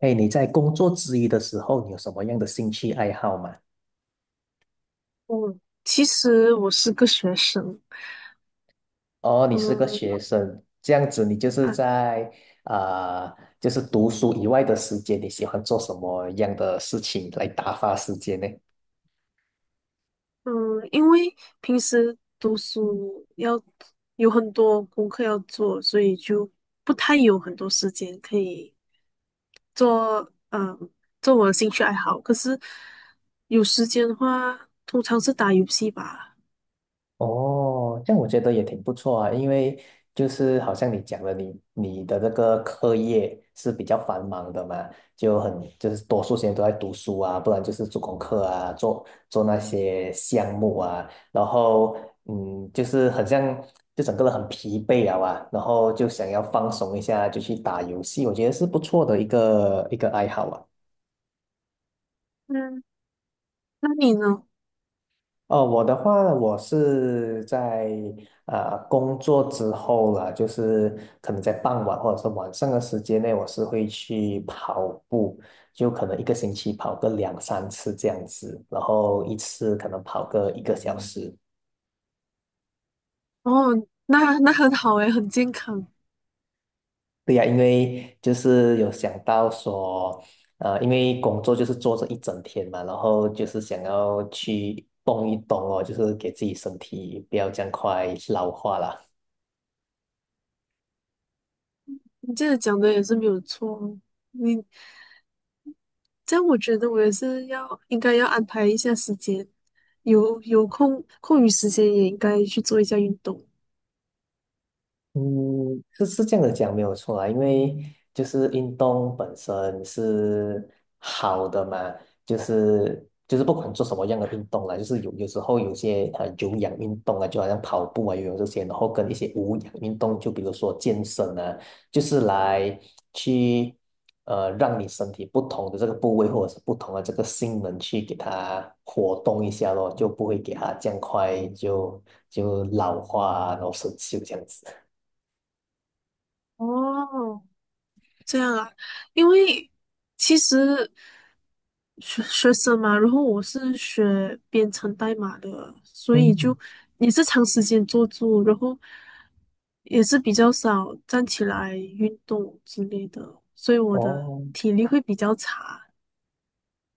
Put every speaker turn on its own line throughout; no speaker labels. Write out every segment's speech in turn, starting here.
哎，你在工作之余的时候，你有什么样的兴趣爱好吗？
嗯，其实我是个学生，
哦，你是个学
嗯
生，这样子你就是
啊
在读书以外的时间，你喜欢做什么样的事情来打发时间呢？
嗯，因为平时读书要有很多功课要做，所以就不太有很多时间可以做，做我的兴趣爱好。可是有时间的话，通常是打游戏吧。
哦，这样我觉得也挺不错啊，因为就是好像你讲的，你的这个课业是比较繁忙的嘛，就是多数时间都在读书啊，不然就是做功课啊，做那些项目啊，然后就是很像就整个人很疲惫啊，然后就想要放松一下，就去打游戏，我觉得是不错的一个爱好啊。
嗯，那你呢？
哦，我的话，我是在工作之后了，就是可能在傍晚或者是晚上的时间内，我是会去跑步，就可能一个星期跑个两三次这样子，然后一次可能跑个一个小时。
哦，那很好诶，很健康。
对呀，因为就是有想到说，因为工作就是坐着一整天嘛，然后就是想要去动一动哦，就是给自己身体不要这样快老化了。
你这个讲的也是没有错哦，你这样我觉得我也是要应该要安排一下时间，有空余时间也应该去做一下运动。
嗯，是是这样的讲没有错啦，因为就是运动本身是好的嘛，就是不管做什么样的运动啦，就是有时候有些有氧运动啊，就好像跑步啊、游泳这些，然后跟一些无氧运动，就比如说健身啊，就是来去让你身体不同的这个部位或者是不同的这个性能去给它活动一下咯，就不会给它这样快就老化啊，然后生锈这样子。
哦，这样啊，因为其实学生嘛，然后我是学编程代码的，所以
嗯，
就也是长时间坐住，然后也是比较少站起来运动之类的，所以我的
哦
体力会比较差。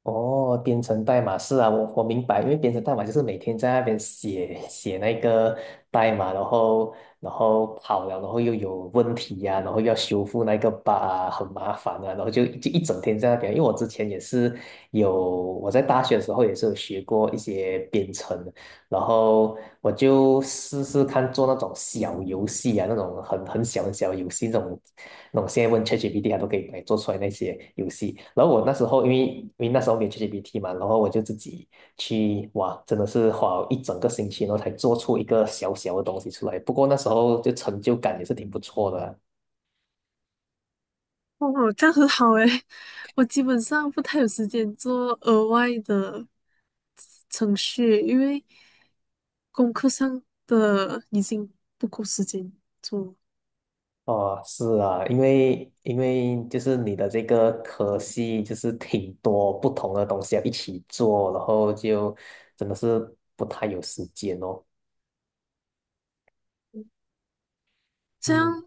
哦，编程代码是啊，我明白，因为编程代码就是每天在那边写写那个代码，然后跑了，然后又有问题呀、然后要修复那个 bug 啊，很麻烦啊，然后就一整天在那边。因为我之前也是有我在大学的时候也是有学过一些编程，然后我就试试看做那种小游戏啊，那种很小很小的游戏，那种那我现在问 ChatGPT，它都可以来做出来那些游戏。然后我那时候因为那时候没有 ChatGPT 嘛，然后我就自己去哇，真的是花了一整个星期，然后才做出一个小小的东西出来。不过那时候就成就感也是挺不错的啊。
哦，这样很好诶，我基本上不太有时间做额外的程序，因为功课上的已经不够时间做。
哦，是啊，因为就是你的这个科系就是挺多不同的东西要一起做，然后就真的是不太有时间哦。
这
嗯。
样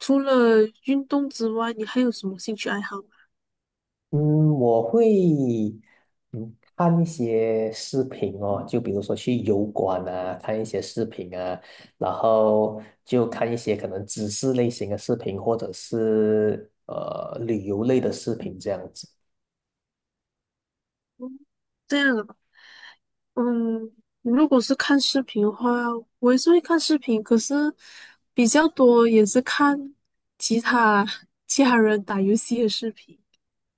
除了运动之外，你还有什么兴趣爱好吗？
嗯，我会嗯看一些视频哦，就比如说去油管啊，看一些视频啊，然后就看一些可能知识类型的视频，或者是旅游类的视频这样子。
这样啊，嗯，如果是看视频的话，我也是会看视频，可是比较多也是看其他其他人打游戏的视频。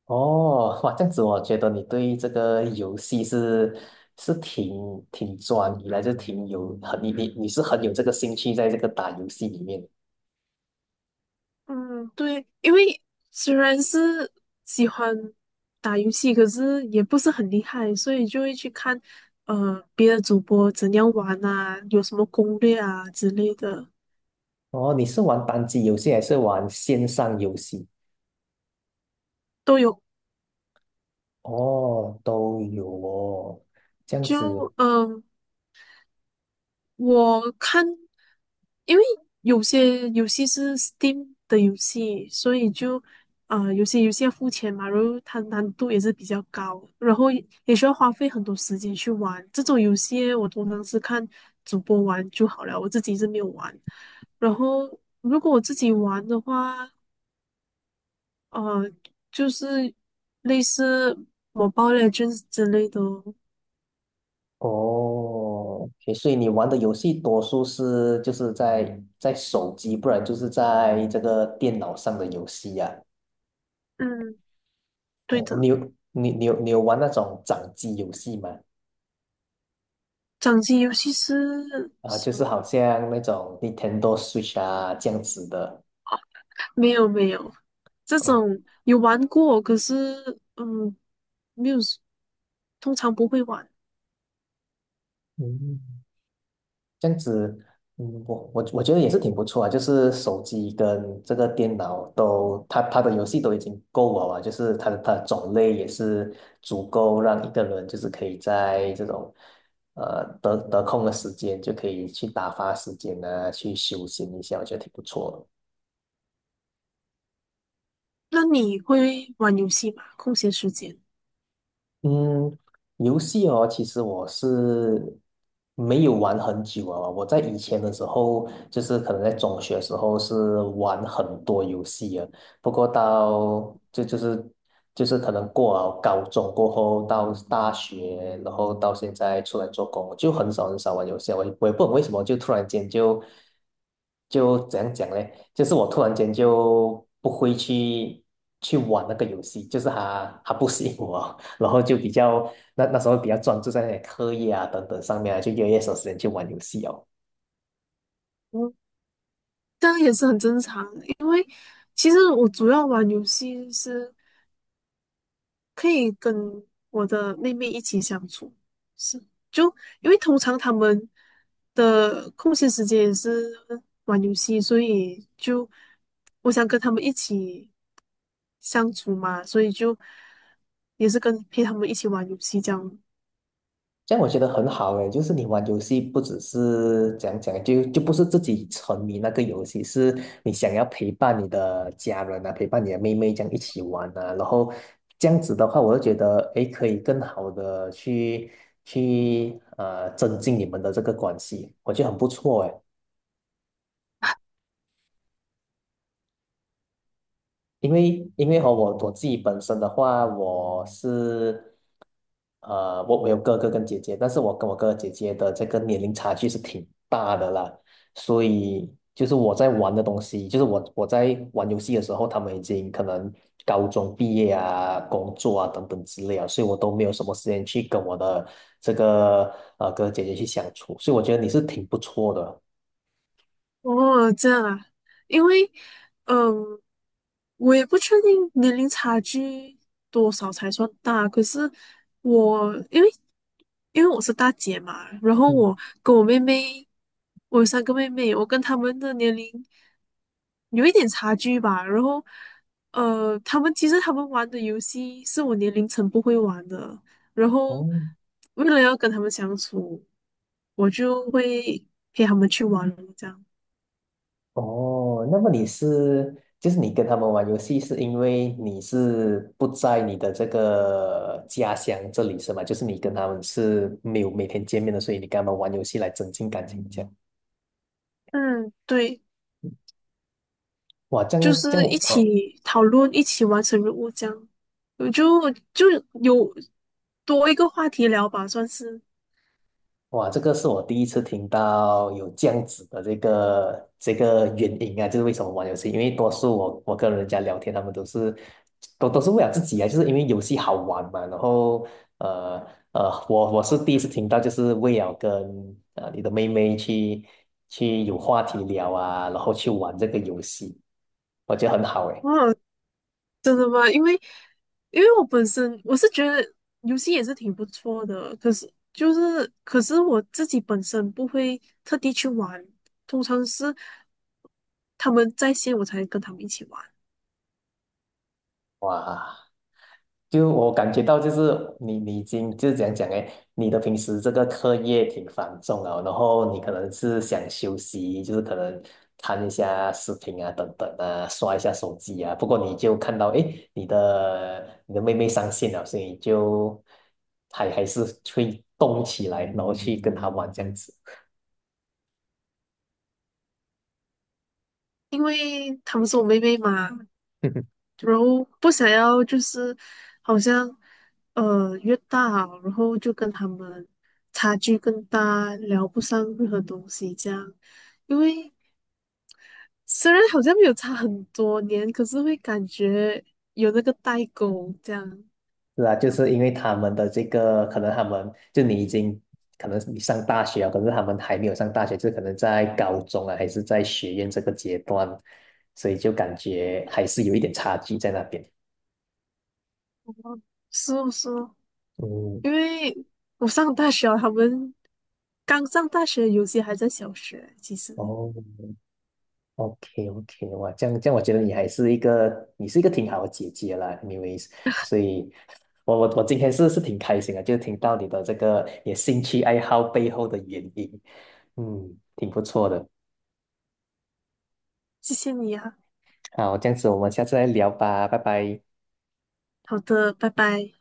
哦，哇，这样子我觉得你对这个游戏是挺专一来就挺有很你是很有这个兴趣在这个打游戏里面。
嗯，对，因为虽然是喜欢打游戏，可是也不是很厉害，所以就会去看别的主播怎样玩啊，有什么攻略啊之类的
哦，你是玩单机游戏还是玩线上游戏？
都有。
哦，都有哦，这样
就
子
嗯、呃我看，因为有些游戏是 Steam 的游戏，所以就有些游戏要付钱嘛，然后它难度也是比较高，然后也需要花费很多时间去玩。这种游戏我通常是看主播玩就好了，我自己是没有玩。然后如果我自己玩的话，呃，就是类似《Mobile Legends》之类的哦
哦，OK，所以你玩的游戏多数是就是在手机，不然就是在这个电脑上的游戏呀、
嗯，对
哦，
的，
你有你有玩那种掌机游戏吗？
掌机游戏是
啊，
什
就是
么？
好像那种 Nintendo Switch 啊这样子的。
没有没有，这
哦，
种有玩过，可是嗯，没有，通常不会玩。
嗯。这样子，嗯，我觉得也是挺不错啊，就是手机跟这个电脑都，它的游戏都已经够了啊，就是它的种类也是足够让一个人就是可以在这种得空的时间就可以去打发时间啊，去休闲一下，我觉得挺不错的。
那你会玩游戏吗？空闲时间，
嗯，游戏哦，其实我是没有玩很久啊。我在以前的时候，就是可能在中学的时候是玩很多游戏啊。不过到就是可能过了高中过后，到大学，然后到现在出来做工，就很少很少玩游戏啊，我也不懂为什么，就突然间怎样讲呢？就是我突然间就不会去玩那个游戏，就是它不适应我。然后就比较那时候比较专注在那些课业啊等等上面啊，就越来越少时间去玩游戏哦。
嗯，当然也是很正常的，因为其实我主要玩游戏是可以跟我的妹妹一起相处，是，就因为通常他们的空闲时间也是玩游戏，所以就我想跟他们一起相处嘛，所以就也是跟陪他们一起玩游戏这样。
这样我觉得很好诶，就是你玩游戏不只是讲讲，就不是自己沉迷那个游戏，是你想要陪伴你的家人啊，陪伴你的妹妹这样一起玩啊，然后这样子的话，我就觉得诶，可以更好的去增进你们的这个关系，我觉得很不错诶。因为和我自己本身的话，我是我有哥哥跟姐姐，但是我跟我哥哥姐姐的这个年龄差距是挺大的啦，所以就是我在玩的东西，就是我在玩游戏的时候，他们已经可能高中毕业啊、工作啊等等之类啊，所以我都没有什么时间去跟我的这个哥哥姐姐去相处，所以我觉得你是挺不错的。
哦，这样啊，因为嗯，我也不确定年龄差距多少才算大，可是我因为我是大姐嘛，然后
嗯，
我跟我妹妹，我有3个妹妹，我跟她们的年龄有一点差距吧。然后，她们其实她们玩的游戏是我年龄层不会玩的，然
哦，
后为了要跟她们相处，我就会陪她们去玩这样。
哦，那么你是，就是你跟他们玩游戏，是因为你是不在你的这个家乡这里是吗？就是你跟他们是没有每天见面的，所以你跟他们玩游戏来增进感情，这样。
嗯，对。
哇，这
就
样这
是
样
一
我，
起讨论，一起完成任务这样，我就有多一个话题聊吧，算是。
哇，这个是我第一次听到有这样子的这个原因啊，就是为什么玩游戏？因为多数我跟人家聊天，他们都是都是为了自己啊，就是因为游戏好玩嘛。然后呃我是第一次听到，就是为了跟你的妹妹去有话题聊啊，然后去玩这个游戏，我觉得很好诶。
哦，真的吗？因为我本身我是觉得游戏也是挺不错的，可是我自己本身不会特地去玩，通常是他们在线我才跟他们一起玩，
哇，就我感觉到，就是你已经就是样讲哎，你的平时这个课业挺繁重啊，然后你可能是想休息，就是可能看一下视频啊，等等啊，刷一下手机啊。不过你就看到哎，诶你的妹妹上线了，所以就还是会动起来，然后去跟她玩这样子。
因为他们是我妹妹嘛，然后不想要就是好像越大，然后就跟他们差距更大，聊不上任何东西这样。因为虽然好像没有差很多年，可是会感觉有那个代沟这样。
是啊，就是因为他们的这个，可能他们就你已经，可能你上大学了，可是他们还没有上大学，就可能在高中啊，还是在学院这个阶段，所以就感觉还是有一点差距在那边。
哦是哦，是哦，
嗯，
因为我上大学啊，他们刚上大学，有些还在小学。其实，
哦，OK OK，哇，这样这样，我觉得你还是一个，你是一个挺好的姐姐啦，anyways，所以我今天是挺开心的，就听到你的这个也兴趣爱好背后的原因，嗯，挺不错的。
谢谢你啊。
好，这样子我们下次再聊吧，拜拜。
好的，拜拜。